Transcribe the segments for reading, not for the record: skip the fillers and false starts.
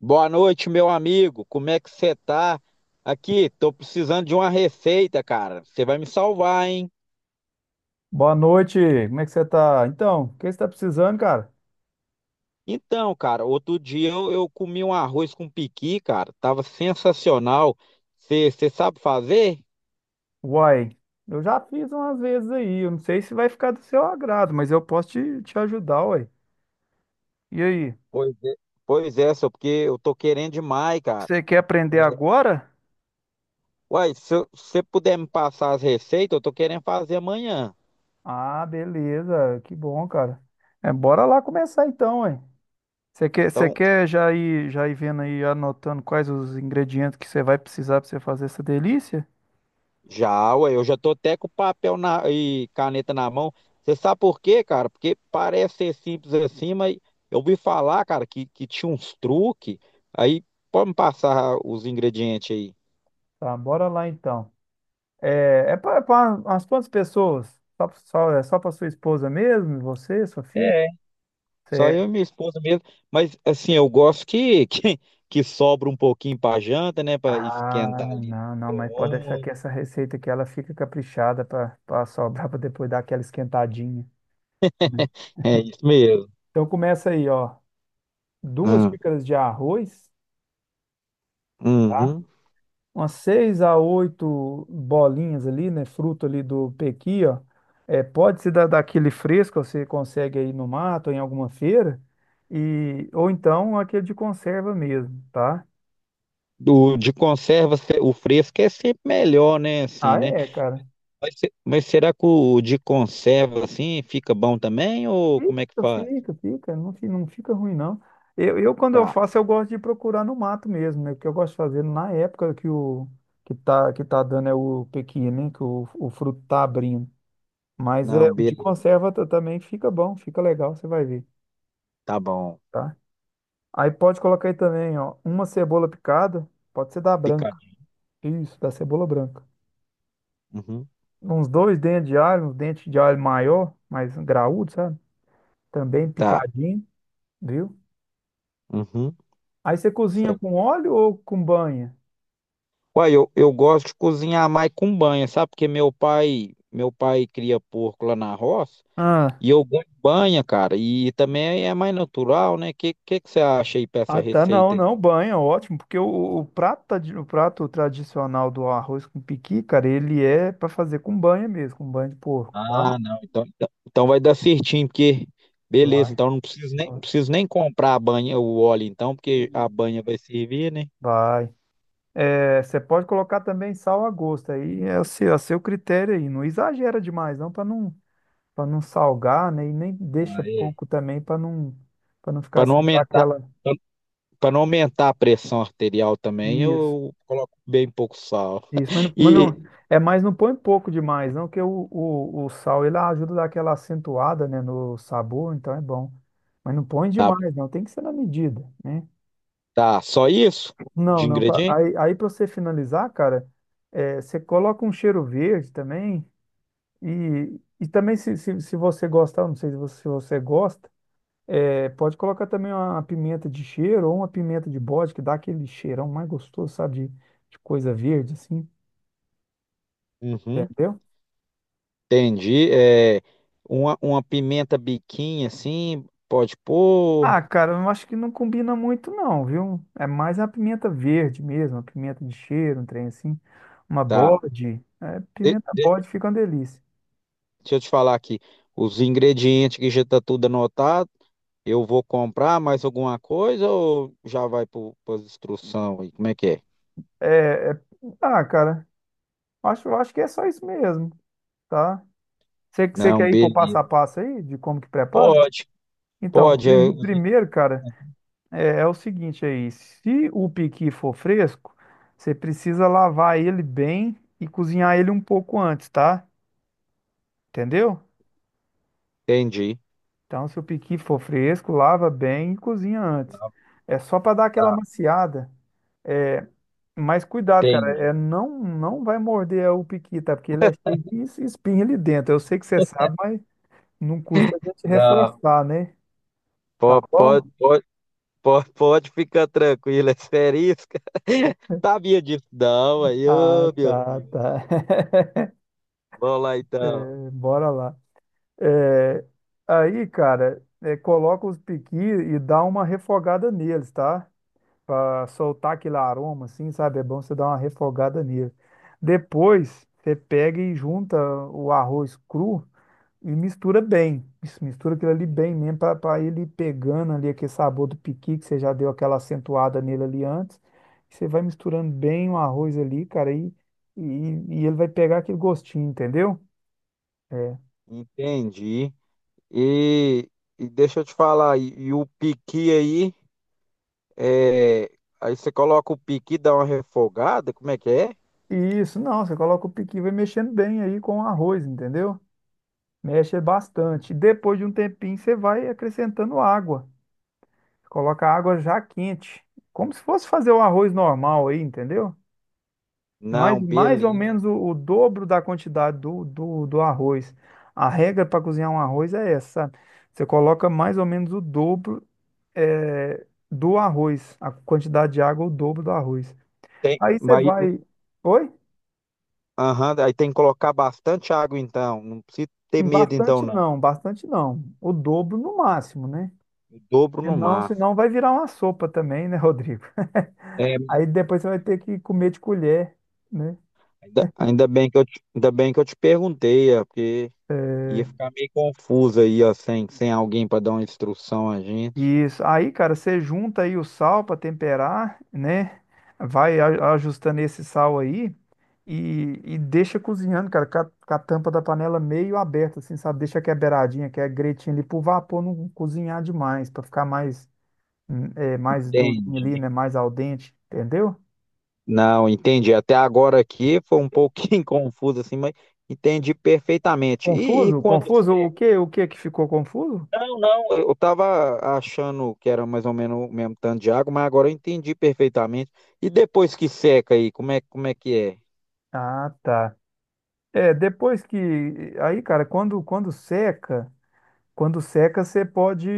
Boa noite, meu amigo. Como é que você tá? Aqui, tô precisando de uma receita, cara. Você vai me salvar, hein? Boa noite, como é que você tá? Então, o que você tá precisando, cara? Então, cara, outro dia eu comi um arroz com piqui, cara. Tava sensacional. Você sabe fazer? Uai, eu já fiz umas vezes aí, eu não sei se vai ficar do seu agrado, mas eu posso te ajudar, uai. E aí, Pois é. Pois é, só porque eu tô querendo demais, cara. você quer aprender agora? Uai, se você puder me passar as receitas, eu tô querendo fazer amanhã. Ah, beleza, que bom, cara. É, bora lá começar então, uai. Você Então, quer já ir vendo aí, anotando quais os ingredientes que você vai precisar para você fazer essa delícia? já, ué, eu já tô até com e caneta na mão. Você sabe por quê, cara? Porque parece ser simples assim, mas eu ouvi falar, cara, que tinha uns truques. Aí pode me passar os ingredientes aí. Tá, bora lá então. É, é para umas quantas pessoas? É só para sua esposa mesmo, você, sua filha? É, só Cê- eu e minha esposa mesmo. Mas assim, eu gosto que, que, que sobra um pouquinho pra janta, né? Pra esquentar Ah, ali no não, não, mas pode deixar que micro-ondas. essa receita aqui ela fica caprichada para sobrar para depois dar aquela esquentadinha. Uhum. É isso mesmo. Então começa aí, ó, duas Ah, xícaras de arroz, tá? uhum. Umas seis a oito bolinhas ali, né? Fruto ali do pequi, ó. É, pode ser daquele fresco, você consegue aí no mato, em alguma feira, e ou então aquele de conserva mesmo, tá? Do, de conserva, o fresco é sempre melhor, né? Assim, Ah, né? é, cara. Mas, mas será que o de conserva assim fica bom também? Ou como é que Fica, faz? fica, fica, não, fi- Não fica ruim, não. Quando eu Tá. faço, eu gosto de procurar no mato mesmo, né? O que eu gosto de fazer na época que o que tá dando é o pequi, né? Que o fruto tá abrindo. Mas é, Não, o de beleza. conserva também fica bom, fica legal, você vai ver, Tá bom. tá? Aí pode colocar aí também, ó, uma cebola picada, pode ser da branca. Picadinho. Isso, da cebola branca. Uhum. Uns dois dentes de alho, uns dentes de alho maior, mais graúdo, sabe? Também Tá. picadinho, viu? Uhum. Aí você cozinha Sei. com óleo ou com banha? Uai, eu gosto de cozinhar mais com banha, sabe? Porque meu pai cria porco lá na roça Ah, e eu gosto de banha, cara. E também é mais natural, né? Que você acha aí pra essa Ah, tá, não, receita aí? não, Banha, ótimo, porque o prato, o prato tradicional do arroz com piqui, cara, ele é para fazer com banha mesmo, com banha de porco, tá? Ah, não. Então, então vai dar certinho, porque beleza, Vai. então não preciso nem, não preciso nem comprar a banha, o óleo então, porque a banha vai servir, né? Vai. É, você pode colocar também sal a gosto, aí é a seu critério aí, não exagera demais não, para não salgar, né, e nem deixa Ah, é. pouco também para não ficar Para não sem dar aumentar, aquela... para não aumentar a pressão arterial também, Isso. eu coloco bem pouco sal. Isso, mas, não, E é mais não põe pouco demais, não, que o sal ele ajuda a dar aquela acentuada, né, no sabor, então é bom. Mas não põe tá, demais, bom. não, tem que ser na medida, né? Tá, só isso Não, de não, ingrediente? Aí para você finalizar, cara, é, você coloca um cheiro verde também e também se você gostar, eu não sei se você gosta, é, pode colocar também uma pimenta de cheiro ou uma pimenta de bode, que dá aquele cheirão mais gostoso, sabe, de coisa verde, assim, Uhum, entendeu? entendi. É, uma pimenta biquinha assim, pode pôr. Ah, cara, eu acho que não combina muito não, viu? É mais a pimenta verde mesmo, a pimenta de cheiro, um trem assim. Uma Tá. bode. É, De- pimenta de- bode fica uma delícia. deixa eu te falar aqui. Os ingredientes que já tá tudo anotado. Eu vou comprar mais alguma coisa ou já vai para as instruções aí? Como é que é? É, é- Ah, cara, acho que é só isso mesmo, tá? Você Não, quer ir pro passo a beleza. passo aí, de como que prepara? Pode, Então, pode, eu primeiro, cara, é, é o seguinte aí. Se o piqui for fresco, você precisa lavar ele bem e cozinhar ele um pouco antes, tá? Entendeu? entendi. Então, se o piqui for fresco, lava bem e cozinha antes. Não, É só para dar aquela tá, maciada. Mas cuidado, cara, entendi. é não vai morder o piqui, tá? Porque ele é cheio de espinha ali dentro. Eu sei que você sabe, mas não custa a gente Não, reforçar, né? Tá bom? pode, pode, pode, pode ficar tranquilo, é asterisca. Sabia disso, não, aí, Ah, ô, meu tá, Deus. tá. Vamos lá então. É, bora lá. É, aí, cara, é, coloca os piqui e dá uma refogada neles, tá? Para soltar aquele aroma, assim, sabe? É bom você dar uma refogada nele. Depois, você pega e junta o arroz cru e mistura bem. Isso, mistura aquilo ali bem mesmo para ele ir pegando ali aquele sabor do piqui que você já deu aquela acentuada nele ali antes. Você vai misturando bem o arroz ali, cara, e, e ele vai pegar aquele gostinho, entendeu? É. Entendi. E, e deixa eu te falar, e o piqui aí, é, aí você coloca o piqui, dá uma refogada, como é que é? Isso, não, você coloca o piqui, e vai mexendo bem aí com o arroz, entendeu? Mexe bastante. Depois de um tempinho, você vai acrescentando água. Coloca água já quente, como se fosse fazer o arroz normal aí, entendeu? Mais, Não, mais ou beleza. menos o dobro da quantidade do arroz. A regra para cozinhar um arroz é essa, sabe? Você coloca mais ou menos o dobro eh, do arroz, a quantidade de água, é o dobro do arroz. Tem, Aí você mas, vai. Oi? aham, aí tem que colocar bastante água então. Não precisa ter medo então, Bastante não. não, bastante não. O dobro no máximo, né? O dobro no Senão, máximo. senão vai virar uma sopa também, né, Rodrigo? É, Aí depois você vai ter que comer de colher, né? ainda, ainda bem que eu te, ainda bem que eu te perguntei, é, porque Eh, ia ficar meio confuso aí, ó, sem, sem alguém para dar uma instrução a gente. Isso. Aí, cara, você junta aí o sal para temperar, né? Vai ajustando esse sal aí e deixa cozinhando, cara, com a tampa da panela meio aberta, assim, sabe? Deixa que é beiradinha, que é gretinha ali pro vapor não cozinhar demais, para ficar mais, mais durinho ali, Entendi. né? Mais al dente, entendeu? Não, entendi. Até agora aqui foi um pouquinho confuso assim, mas entendi perfeitamente. E Confuso? quando Confuso? O que que ficou confuso? não, não, eu estava achando que era mais ou menos o mesmo tanto de água, mas agora eu entendi perfeitamente. E depois que seca aí, como é que é? Ah, tá. É, depois que. Aí, cara, quando seca, você pode.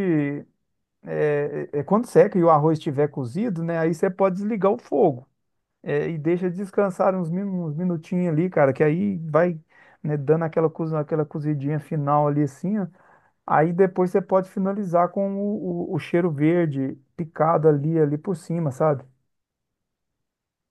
É, é quando seca e o arroz estiver cozido, né? Aí você pode desligar o fogo. É, e deixa descansar uns, uns minutinhos ali, cara, que aí vai, né, dando aquela, aquela cozidinha final ali assim, ó. Aí depois você pode finalizar com o cheiro verde picado ali, ali por cima, sabe?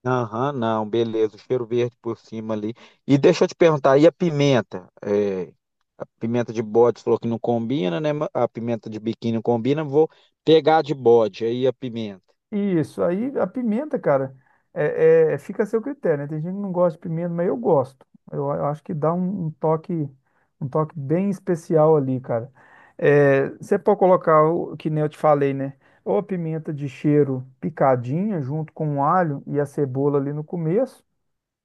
Aham, não, beleza, o cheiro verde por cima ali. E deixa eu te perguntar, e a pimenta? É, a pimenta de bode falou que não combina, né? Mas a pimenta de biquíni não combina, vou pegar a de bode aí a pimenta. Isso, aí a pimenta, cara, fica a seu critério, né? Tem gente que não gosta de pimenta, mas eu gosto. Eu, acho que dá um toque bem especial ali, cara. É, você pode colocar, o que nem eu te falei, né? Ou a pimenta de cheiro picadinha, junto com o alho e a cebola ali no começo,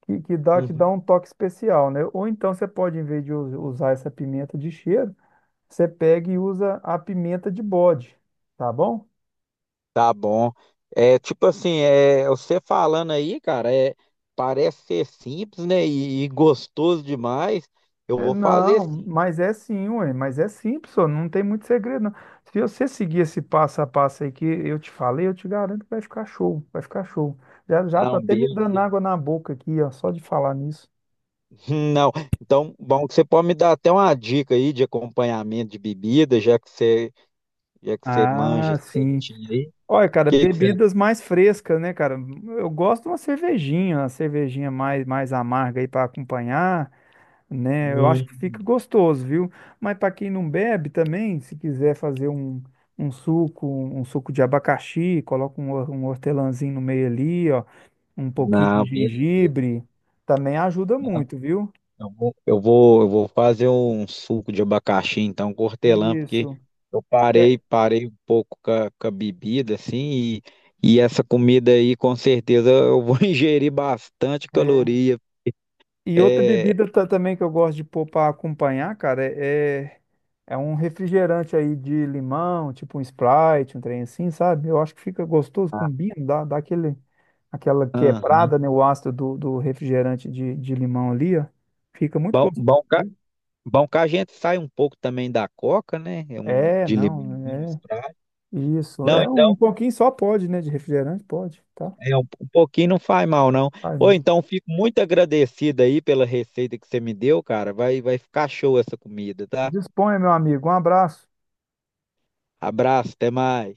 que Uhum. dá um toque especial, né? Ou então você pode, em vez de usar essa pimenta de cheiro, você pega e usa a pimenta de bode, tá bom? Tá bom. É tipo assim, é, você falando aí, cara, é, parece ser simples, né? E gostoso demais. Eu É, vou fazer não, sim. mas é sim, ué, mas é simples, só, não tem muito segredo, não. Se você seguir esse passo a passo aí que eu te falei, eu te garanto que vai ficar show, vai ficar show. Já, já tá Não, até me dando beleza. água na boca aqui, ó, só de falar nisso. Não. Então, bom que você pode me dar até uma dica aí de acompanhamento de bebida, já que você manja Ah, sim. certinho aí. O Olha, cara, que que você. bebidas mais frescas, né, cara? Eu gosto de uma cervejinha mais amarga aí para acompanhar. Né? Eu Hum, acho que fica gostoso, viu? Mas para quem não bebe também, se quiser fazer um suco de abacaxi, coloca um, um hortelãzinho no meio ali, ó, um pouquinho de não, beleza. gengibre, também ajuda muito, viu? Eu vou fazer um suco de abacaxi, então, com hortelã, porque Isso. eu É, parei, parei um pouco com a bebida, assim, e essa comida aí, com certeza, eu vou ingerir bastante é. caloria. E outra É, bebida também que eu gosto de pôr para acompanhar, cara, é um refrigerante aí de limão, tipo um Sprite, um trem assim, sabe? Eu acho que fica gostoso, combina, dá aquele. Aquela aham. quebrada, né, o ácido do refrigerante de limão ali, ó, fica muito Bom, gostoso, viu? bom que a gente sai um pouco também da coca, né? É um É, de não, limãozinho, é Sprite. isso. Não, É um então, pouquinho só pode, né, de refrigerante, pode, tá? é um, um pouquinho não faz mal, não. Ai, Ou não. então, fico muito agradecido aí pela receita que você me deu, cara. Vai, vai ficar show essa comida, tá? Disponha, meu amigo. Um abraço. Abraço, até mais.